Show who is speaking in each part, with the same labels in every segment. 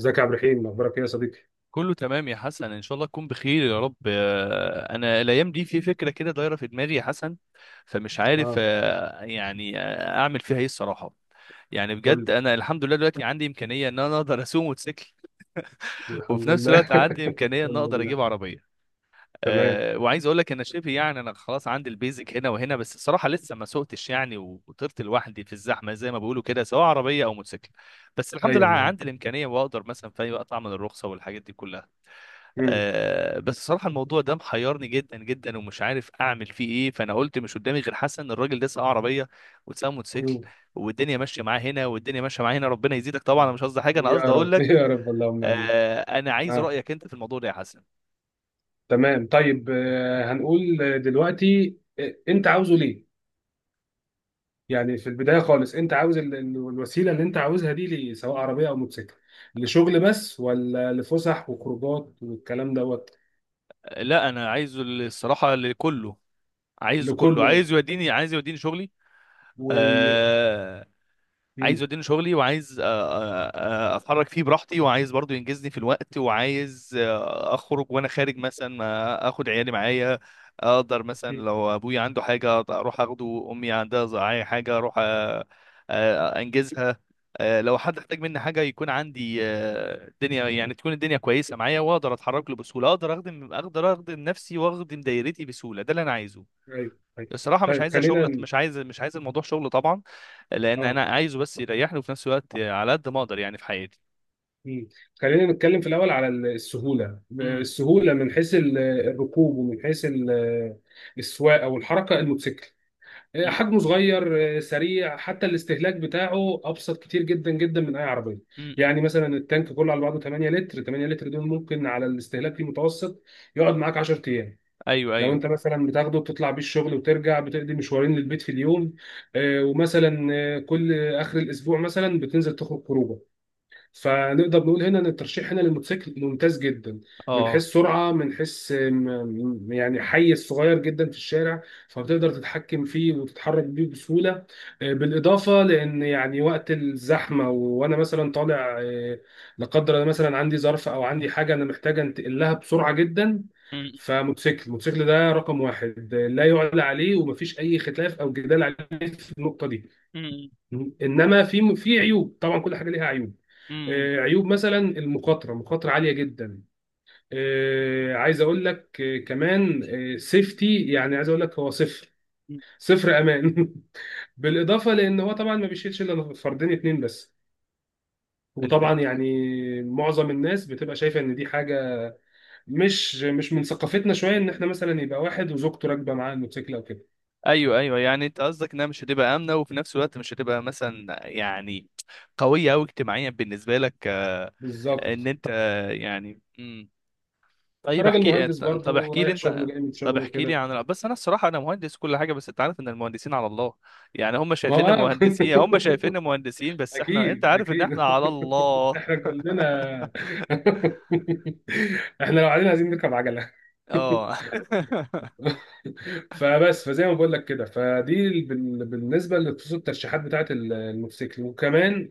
Speaker 1: ازيك يا عبد الرحيم؟ اخبارك ايه يا صديقي؟
Speaker 2: كله تمام يا حسن، ان شاء الله تكون بخير يا رب. انا الايام دي في فكره كده دايره في دماغي يا حسن، فمش عارف،
Speaker 1: اه.
Speaker 2: يعني اعمل فيها ايه الصراحه؟ يعني بجد
Speaker 1: قول
Speaker 2: انا الحمد لله دلوقتي عندي امكانيه ان انا اقدر اسوق موتوسيكل،
Speaker 1: لي.
Speaker 2: وفي
Speaker 1: الحمد
Speaker 2: نفس
Speaker 1: لله.
Speaker 2: الوقت عندي امكانيه ان
Speaker 1: الحمد
Speaker 2: اقدر
Speaker 1: لله.
Speaker 2: اجيب عربيه.
Speaker 1: تمام.
Speaker 2: وعايز اقول لك، انا شبه يعني انا خلاص عندي البيزك هنا وهنا، بس الصراحه لسه ما سوقتش يعني وطرت لوحدي في الزحمه زي ما بيقولوا كده، سواء عربيه او موتوسيكل. بس الحمد لله
Speaker 1: ايوه مان.
Speaker 2: عندي الامكانيه واقدر مثلا في اي وقت اعمل الرخصه والحاجات دي كلها.
Speaker 1: مم.
Speaker 2: بس صراحة الموضوع ده محيرني جدا جدا، ومش عارف اعمل فيه ايه. فانا قلت مش قدامي غير حسن، الراجل ده سواق عربية وسواق موتوسيكل،
Speaker 1: مم.
Speaker 2: والدنيا ماشية معاه هنا والدنيا ماشية معاه هنا. ربنا يزيدك طبعا، انا مش قصدي حاجة، انا
Speaker 1: يا
Speaker 2: قصدي اقول
Speaker 1: رب.
Speaker 2: لك.
Speaker 1: يا رب اللهم امين.
Speaker 2: انا عايز
Speaker 1: اه،
Speaker 2: رأيك انت في الموضوع ده يا حسن.
Speaker 1: تمام. طيب، هنقول دلوقتي انت عاوزه ليه؟ يعني في البدايه خالص، انت عاوز الوسيله اللي انت عاوزها دي ليه، سواء عربيه او موتوسيكل، لشغل بس، ولا لفسح وخروجات والكلام دوت؟
Speaker 2: لا، انا عايز الصراحة لكله، عايز كله،
Speaker 1: لكله.
Speaker 2: عايز يوديني شغلي.
Speaker 1: و
Speaker 2: آه، عايز
Speaker 1: مم.
Speaker 2: يوديني شغلي، وعايز اتحرك فيه براحتي، وعايز برضو ينجزني في الوقت، وعايز اخرج، وانا خارج مثلا اخد عيالي معايا. اقدر مثلا
Speaker 1: مم.
Speaker 2: لو ابويا عنده حاجه اروح اخده، امي عندها أي حاجه اروح انجزها. لو حد احتاج مني حاجه يكون عندي، الدنيا يعني تكون الدنيا كويسه معايا، واقدر اتحرك له بسهوله، اقدر اخدم نفسي واخدم دايرتي بسهوله. ده اللي انا عايزه
Speaker 1: ايوه، ايوه.
Speaker 2: الصراحه. مش
Speaker 1: طيب،
Speaker 2: عايزه شغل،
Speaker 1: خلينا.
Speaker 2: مش عايز الموضوع شغل طبعا، لان
Speaker 1: اه.
Speaker 2: انا عايزه بس يريحني، وفي نفس الوقت على قد ما اقدر يعني في حياتي.
Speaker 1: مم. خلينا نتكلم في الأول على السهولة،
Speaker 2: امم.
Speaker 1: السهولة من حيث الركوب، ومن حيث السواقة والحركة. الموتوسيكل حجمه
Speaker 2: امم.
Speaker 1: صغير، سريع، حتى الاستهلاك بتاعه أبسط كتير جدا جدا من أي عربية. يعني
Speaker 2: امم.
Speaker 1: مثلا التانك كله على بعضه 8 لتر، 8 لتر دول ممكن على الاستهلاك المتوسط يقعد معاك 10 أيام.
Speaker 2: ايوه.
Speaker 1: لو
Speaker 2: ايوه.
Speaker 1: انت مثلا بتاخده بتطلع بيه الشغل وترجع، بتقضي مشوارين للبيت في اليوم. ومثلا كل اخر الاسبوع مثلا بتنزل تخرج خروجه. فنقدر نقول هنا ان الترشيح هنا للموتوسيكل ممتاز جدا، من حيث
Speaker 2: اه.
Speaker 1: سرعه، من حيث يعني حيز صغير جدا في الشارع، فبتقدر تتحكم فيه وتتحرك بيه بسهوله. بالاضافه لان يعني وقت الزحمه و- وانا مثلا طالع، لا قدر الله مثلا عندي ظرف، او عندي حاجه انا محتاج انتقل لها بسرعه جدا.
Speaker 2: امم.
Speaker 1: فموتوسيكل الموتوسيكل ده رقم واحد، لا يعلى عليه، ومفيش اي خلاف او جدال عليه في النقطه دي.
Speaker 2: امم.
Speaker 1: انما في عيوب، طبعا كل حاجه ليها عيوب.
Speaker 2: امم.
Speaker 1: عيوب مثلا، المخاطره مخاطره عاليه جدا. عايز اقول لك كمان، سيفتي يعني، عايز اقول لك هو صفر، صفر امان. بالاضافه لان هو طبعا ما بيشيلش الا فردين اتنين بس.
Speaker 2: انت.
Speaker 1: وطبعا يعني معظم الناس بتبقى شايفه ان دي حاجه مش من ثقافتنا شويه، ان احنا مثلا يبقى واحد وزوجته راكبه معاه الموتوسيكل او كده.
Speaker 2: ايوه، ايوه، يعني انت قصدك انها مش هتبقى امنه، وفي نفس الوقت مش هتبقى مثلا يعني قويه او اجتماعيا بالنسبه لك، ان
Speaker 1: بالظبط.
Speaker 2: انت يعني. امم. طيب،
Speaker 1: راجل
Speaker 2: احكي
Speaker 1: مهندس
Speaker 2: انت، طب
Speaker 1: برضه
Speaker 2: احكي لي
Speaker 1: رايح شغله
Speaker 2: انت،
Speaker 1: جاي من
Speaker 2: طب
Speaker 1: شغله
Speaker 2: احكي لي
Speaker 1: كده.
Speaker 2: عن. بس انا الصراحه انا مهندس كل حاجه، بس انت عارف ان المهندسين على الله، يعني هم
Speaker 1: ما هو
Speaker 2: شايفيننا
Speaker 1: آه.
Speaker 2: مهندسين، يعني هم شايفيننا مهندسين بس احنا انت
Speaker 1: اكيد،
Speaker 2: عارف ان
Speaker 1: اكيد.
Speaker 2: احنا على الله.
Speaker 1: احنا كلنا. احنا لو قاعدين عايزين نركب عجله.
Speaker 2: اه.
Speaker 1: فبس، فزي ما بقول لك كده، فدي بالنسبه لخصوص الترشيحات بتاعت الموتوسيكل، وكمان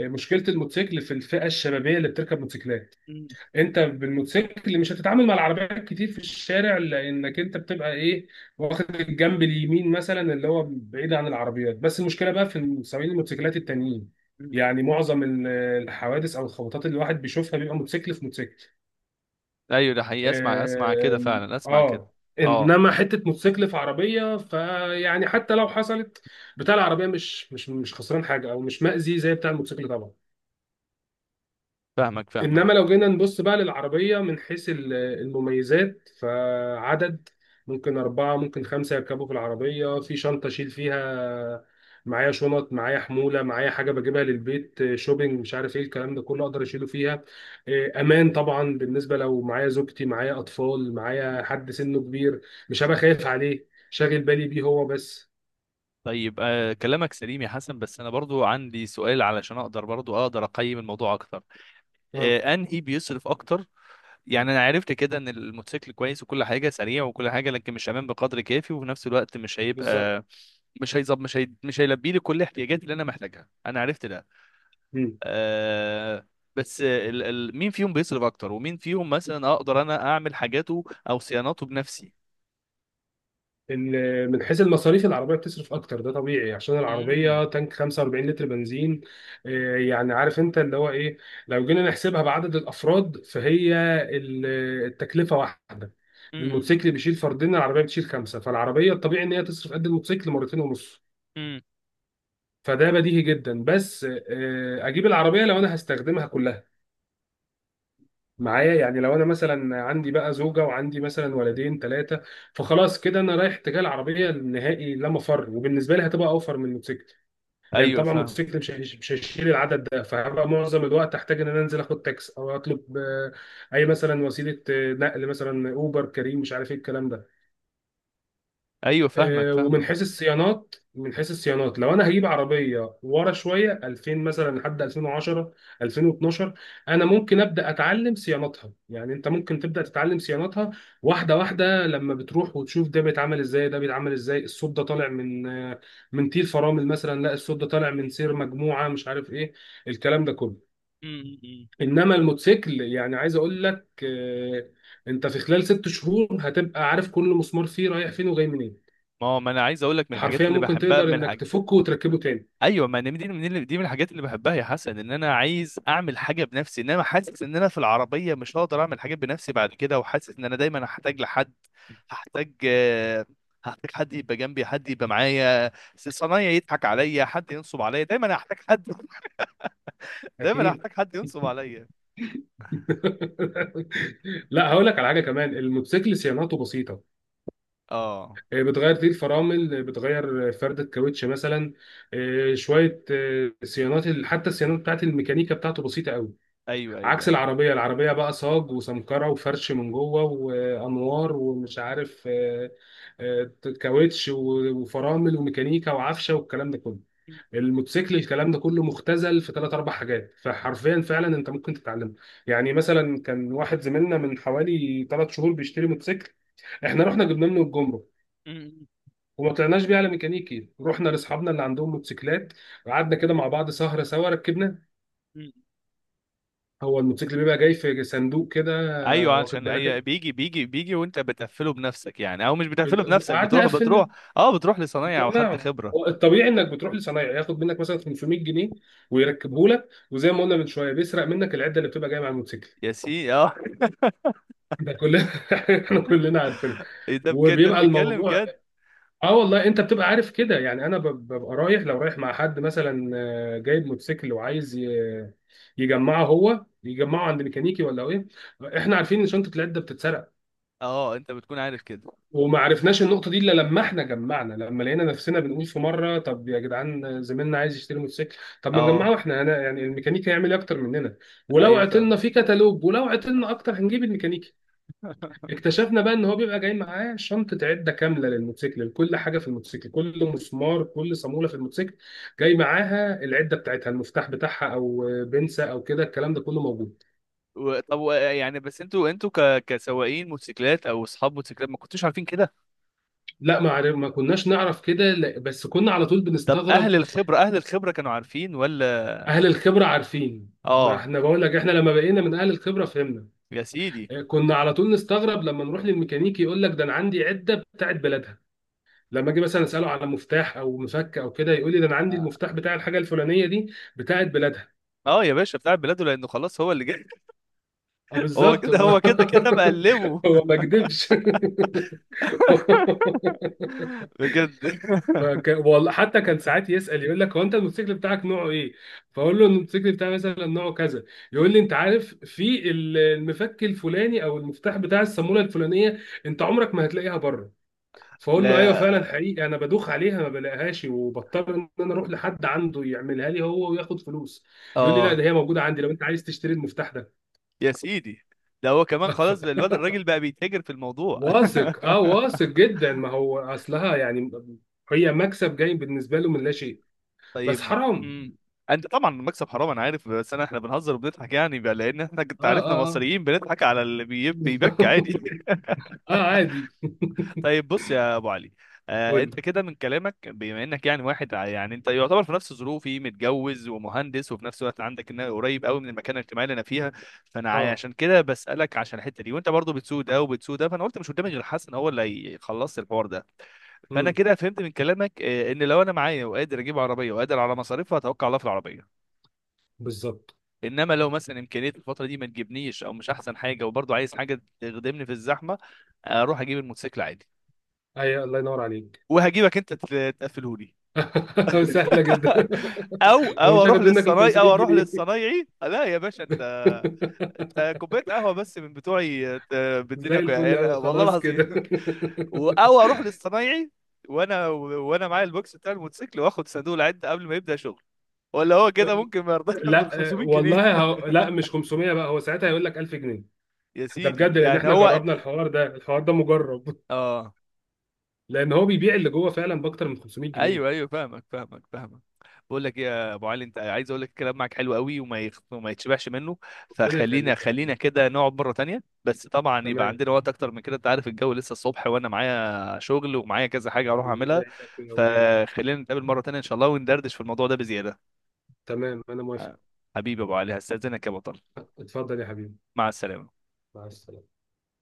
Speaker 1: مشكله الموتوسيكل في الفئه الشبابيه اللي بتركب موتوسيكلات.
Speaker 2: مم.
Speaker 1: انت بالموتوسيكل مش هتتعامل مع العربيات كتير في الشارع، لانك انت بتبقى ايه؟ واخد الجنب اليمين مثلا اللي هو بعيد عن العربيات. بس المشكله بقى في سواقين الموتوسيكلات التانيين. يعني معظم الحوادث او الخبطات اللي الواحد بيشوفها بيبقى موتوسيكل في موتوسيكل.
Speaker 2: ايوه ده حقيقي، اسمع اسمع كده فعلا، اسمع كده.
Speaker 1: اه.
Speaker 2: اه،
Speaker 1: انما حته موتوسيكل في عربيه، فيعني حتى لو حصلت، بتاع العربيه مش خسران حاجه، او مش مأذي زي بتاع الموتوسيكل طبعا.
Speaker 2: فاهمك
Speaker 1: انما
Speaker 2: فاهمك.
Speaker 1: لو جينا نبص بقى للعربيه من حيث المميزات، فعدد ممكن اربعه، ممكن خمسه يركبوا في العربيه، في شنطه اشيل فيها معايا شنط، معايا حموله، معايا حاجه بجيبها للبيت، شوبينج مش عارف ايه الكلام ده كله، اقدر اشيله فيها. إيه، امان طبعا، بالنسبه لو معايا زوجتي، معايا اطفال، معايا حد سنه كبير، مش هبقى خايف عليه شاغل بالي بيه هو بس.
Speaker 2: طيب كلامك سليم يا حسن، بس انا برضو عندي سؤال علشان اقدر برضو اقدر اقيم الموضوع اكتر.
Speaker 1: اه،
Speaker 2: انهي بيصرف اكتر؟ يعني انا عرفت كده ان الموتوسيكل كويس وكل حاجه سريع وكل حاجه، لكن مش امان بقدر كافي، وفي نفس الوقت
Speaker 1: بالظبط.
Speaker 2: مش هيلبي لي كل احتياجاتي اللي انا محتاجها. انا عرفت ده. آه... بس مين فيهم بيصرف اكتر، ومين فيهم مثلا اقدر انا اعمل حاجاته او صيانته بنفسي؟
Speaker 1: من حيث المصاريف العربية بتصرف أكتر، ده طبيعي عشان
Speaker 2: امم.
Speaker 1: العربية تانك 45 لتر بنزين. يعني عارف أنت اللي هو إيه، لو جينا نحسبها بعدد الأفراد فهي ال- التكلفة واحدة.
Speaker 2: امم.
Speaker 1: الموتوسيكل بيشيل فردين، العربية بتشيل خمسة، فالعربية الطبيعي إن هي تصرف قد الموتوسيكل مرتين ونص.
Speaker 2: امم.
Speaker 1: فده بديهي جدا. بس أجيب العربية لو أنا هستخدمها كلها معايا. يعني لو انا مثلا عندي بقى زوجه، وعندي مثلا ولدين، ثلاثه، فخلاص كده انا رايح اتجاه العربيه، النهائي لا مفر، وبالنسبه لي هتبقى اوفر من الموتوسيكل. لان
Speaker 2: ايوه
Speaker 1: طبعا
Speaker 2: فاهم.
Speaker 1: الموتوسيكل مش هيشيل العدد ده، فهبقى معظم الوقت هحتاج ان انا انزل اخد تاكس، او اطلب اي مثلا وسيله نقل، مثلا اوبر، كريم، مش عارف ايه الكلام ده.
Speaker 2: ايوه فاهمك
Speaker 1: ومن
Speaker 2: فاهمك.
Speaker 1: حيث الصيانات، لو انا هجيب عربيه ورا شويه 2000 مثلا لحد 2010، 2012، انا ممكن ابدا اتعلم صيانتها، يعني انت ممكن تبدا تتعلم صيانتها واحده واحده، لما بتروح وتشوف ده بيتعمل ازاي، ده بيتعمل ازاي، الصوت ده طالع من، من تير فرامل مثلا، لا الصوت ده طالع من سير مجموعه، مش عارف ايه الكلام ده كله.
Speaker 2: امم.
Speaker 1: انما الموتوسيكل، يعني عايز اقول لك، انت في خلال ست شهور هتبقى عارف كل مسمار فيه رايح فين وجاي منين.
Speaker 2: ما انا عايز اقول لك، من الحاجات
Speaker 1: حرفيا
Speaker 2: اللي
Speaker 1: ممكن
Speaker 2: بحبها،
Speaker 1: تقدر
Speaker 2: من
Speaker 1: انك
Speaker 2: الحاجات.
Speaker 1: تفكه وتركبه تاني.
Speaker 2: ايوه، ما أنا دي من الحاجات اللي بحبها يا حسن، ان انا عايز اعمل حاجه بنفسي. انما حاسس ان انا في العربيه مش هقدر اعمل حاجات بنفسي بعد كده، وحاسس ان انا دايما هحتاج لحد، هحتاج هحتاج حد يبقى جنبي، حد يبقى معايا صنايعي، يضحك عليا، حد ينصب عليا، دايما هحتاج حد دايما
Speaker 1: اكيد.
Speaker 2: هحتاج حد ينصب عليا.
Speaker 1: لا، هقول لك على حاجه كمان. الموتوسيكل صيانته بسيطه،
Speaker 2: اه.
Speaker 1: بتغير دي الفرامل، بتغير فرده كاوتش مثلا، شويه صيانات، حتى الصيانات بتاعت الميكانيكا بتاعته بسيطه قوي.
Speaker 2: ايوه ايوه
Speaker 1: عكس
Speaker 2: ايوه.
Speaker 1: العربيه. العربيه بقى صاج وسمكره وفرش من جوه وانوار، ومش عارف آه، كاوتش، و- وفرامل وميكانيكا وعفشه والكلام ده كله.
Speaker 2: م-
Speaker 1: الموتوسيكل، الكلام ده كله مختزل في ثلاث اربع حاجات، فحرفيا فعلا انت ممكن تتعلم. يعني مثلا كان واحد زميلنا من حوالي ثلاث شهور بيشتري موتوسيكل، احنا رحنا جبنا منه الجمرك،
Speaker 2: م-
Speaker 1: وما طلعناش بيه على ميكانيكي، رحنا لاصحابنا اللي عندهم موتوسيكلات، وقعدنا كده مع بعض سهره سوا، ركبنا.
Speaker 2: م.
Speaker 1: هو الموتوسيكل بيبقى جاي في صندوق كده،
Speaker 2: ايوه،
Speaker 1: واخد
Speaker 2: عشان
Speaker 1: بالك
Speaker 2: اي،
Speaker 1: انت؟
Speaker 2: بيجي بيجي بيجي، وانت بتقفله بنفسك يعني، او مش بتقفله
Speaker 1: بت-
Speaker 2: بنفسك،
Speaker 1: قعدنا
Speaker 2: بتروح.
Speaker 1: قفلنا،
Speaker 2: اه، بتروح لصنايعي او حد
Speaker 1: اتجمعنا. هو
Speaker 2: خبره.
Speaker 1: الطبيعي انك بتروح لصنايعي ياخد منك مثلا 500 جنيه، ويركبه لك، وزي ما قلنا من شويه بيسرق منك العده اللي بتبقى جايه مع الموتوسيكل.
Speaker 2: يا سي اه.
Speaker 1: ده كلنا. احنا كلنا عارفين.
Speaker 2: ايه ده بجد، انت
Speaker 1: وبيبقى
Speaker 2: بتتكلم
Speaker 1: الموضوع،
Speaker 2: جد؟
Speaker 1: اه والله انت بتبقى عارف كده، يعني انا ببقى رايح، لو رايح مع حد مثلا جايب موتوسيكل وعايز يجمعه، هو يجمعه عند ميكانيكي ولا ايه؟ احنا عارفين ان شنطه العده بتتسرق.
Speaker 2: اه، انت بتكون عارف كده.
Speaker 1: وما عرفناش النقطه دي الا لما احنا جمعنا، لما لقينا نفسنا بنقول في مره، طب يا جدعان زميلنا عايز يشتري موتوسيكل، طب ما
Speaker 2: اه،
Speaker 1: نجمعه احنا هنا، يعني الميكانيكي هيعمل ايه اكتر مننا؟ ولو
Speaker 2: ايوه
Speaker 1: عطلنا
Speaker 2: فاهم.
Speaker 1: في كتالوج، ولو عطلنا اكتر هنجيب الميكانيكي. اكتشفنا بقى ان هو بيبقى جاي معاه شنطه عده كامله للموتوسيكل، لكل حاجه في الموتوسيكل، كل مسمار، كل صاموله في الموتوسيكل جاي معاها العده بتاعتها، المفتاح بتاعها او بنسه او كده، الكلام ده كله موجود.
Speaker 2: طب يعني بس، انتوا كسواقين موتوسيكلات او اصحاب موتوسيكلات، ما كنتوش عارفين كده؟
Speaker 1: لا، ما كناش نعرف كده، بس كنا على طول
Speaker 2: طب اهل
Speaker 1: بنستغرب.
Speaker 2: الخبره، اهل الخبره كانوا عارفين ولا؟
Speaker 1: اهل الخبره عارفين. ما
Speaker 2: اه.
Speaker 1: احنا بقول لك، احنا لما بقينا من اهل الخبره فهمنا.
Speaker 2: يا سيدي.
Speaker 1: كنا على طول نستغرب لما نروح للميكانيكي يقول لك، ده انا عندي عده بتاعت بلدها. لما اجي مثلا اساله على مفتاح او مفك او كده، يقول لي ده انا عندي
Speaker 2: اه.
Speaker 1: المفتاح بتاع الحاجه الفلانيه دي بتاعت بلادها.
Speaker 2: آه يا باشا، بتاع بلاده لانه خلاص هو اللي جاي.
Speaker 1: اه
Speaker 2: هو
Speaker 1: بالظبط.
Speaker 2: كده، هو كده كده مقلبه.
Speaker 1: هو ما كدبش.
Speaker 2: بجد.
Speaker 1: والله حتى كان ساعات يسأل، يقول لك، هو انت الموتوسيكل بتاعك نوعه ايه؟ فاقول له الموتوسيكل بتاعي مثلا نوعه كذا، يقول لي انت عارف في المفك الفلاني او المفتاح بتاع الصامولة الفلانية، انت عمرك ما هتلاقيها بره. فاقول له ايوه، فعلا
Speaker 2: لا.
Speaker 1: حقيقي انا بدوخ عليها ما بلاقيهاش، وبضطر ان انا اروح لحد عنده يعملها لي هو وياخد فلوس. يقول لي لا،
Speaker 2: اه.
Speaker 1: ده هي موجودة عندي لو انت عايز تشتري المفتاح ده.
Speaker 2: يا سيدي، ده هو كمان خلاص بقى، الواد الراجل بقى بيتاجر في الموضوع.
Speaker 1: واثق، اه واثق جدا، ما هو اصلها يعني هي مكسب جاي بالنسبه له من لا شيء. بس
Speaker 2: طيب.
Speaker 1: حرام.
Speaker 2: امم. انت طبعا المكسب حرام، انا عارف، بس احنا بنهزر وبنضحك يعني بقى، لان احنا انت
Speaker 1: اه،
Speaker 2: عارفنا
Speaker 1: اه، اه.
Speaker 2: مصريين بنضحك على اللي بيبكي عادي.
Speaker 1: اه عادي.
Speaker 2: طيب، بص يا ابو علي.
Speaker 1: قول.
Speaker 2: انت كده من كلامك، بما انك يعني واحد، يعني انت يعتبر في نفس ظروفي، متجوز ومهندس، وفي نفس الوقت عندك ان قريب قوي من المكان الاجتماعي اللي انا فيها. فانا
Speaker 1: اه.
Speaker 2: عشان كده بسالك، عشان الحته دي، وانت برضو بتسود ده وبتسود ده، فانا قلت مش قدامي غير حسن هو اللي هيخلص الحوار ده. فانا
Speaker 1: امم.
Speaker 2: كده فهمت من كلامك ان لو انا معايا وقادر اجيب عربيه وقادر على مصاريفها، اتوكل على الله في العربيه.
Speaker 1: بالظبط.
Speaker 2: انما لو مثلا امكانيه الفتره دي ما تجيبنيش او مش احسن حاجه، وبرضه عايز حاجه تخدمني في الزحمه، اروح اجيب الموتوسيكل عادي،
Speaker 1: اي، الله ينور عليك.
Speaker 2: وهجيبك انت تقفله لي.
Speaker 1: سهله جدا.
Speaker 2: او او
Speaker 1: ومش
Speaker 2: اروح
Speaker 1: هاخد منك ال
Speaker 2: للصنايعي،
Speaker 1: 500 جنيه
Speaker 2: لا يا باشا، انت، انت كوبايه قهوه بس من بتوعي
Speaker 1: زي
Speaker 2: بالدنيا،
Speaker 1: الفل
Speaker 2: يعني
Speaker 1: قوي،
Speaker 2: والله
Speaker 1: خلاص
Speaker 2: العظيم.
Speaker 1: كده.
Speaker 2: او اروح للصنايعي، وانا، وانا معايا البوكس بتاع الموتوسيكل، واخد صندوق العد قبل ما يبدا شغل. ولا هو كده ممكن ما يرضاش ياخد
Speaker 1: لا،
Speaker 2: ال 500 جنيه؟
Speaker 1: والله لا مش 500 بقى، هو ساعتها هيقول لك 1000 جنيه.
Speaker 2: يا
Speaker 1: ده بجد،
Speaker 2: سيدي
Speaker 1: لان
Speaker 2: يعني
Speaker 1: احنا
Speaker 2: هو،
Speaker 1: جربنا الحوار ده، الحوار ده مجرب،
Speaker 2: اه.
Speaker 1: لان هو بيبيع اللي جوه فعلا باكتر من 500 جنيه.
Speaker 2: ايوه ايوه، فاهمك فاهمك فاهمك. بقول لك ايه يا ابو علي، انت عايز اقول لك، الكلام معاك حلو قوي، وما يتشبعش منه.
Speaker 1: ربنا يخليك يا
Speaker 2: خلينا
Speaker 1: حبيبي.
Speaker 2: كده نقعد مره تانية، بس طبعا يبقى
Speaker 1: تمام.
Speaker 2: عندنا وقت اكتر من كده، انت عارف الجو لسه الصبح، وانا معايا شغل ومعايا كذا حاجه اروح
Speaker 1: الله
Speaker 2: اعملها.
Speaker 1: يعينك ويقويك.
Speaker 2: فخلينا نتقابل مره تانية ان شاء الله وندردش في الموضوع ده بزياده.
Speaker 1: تمام، انا موافق.
Speaker 2: آه، حبيبي يا ابو علي، هستاذنك يا بطل.
Speaker 1: اتفضل يا حبيبي.
Speaker 2: مع السلامه
Speaker 1: مع السلامه.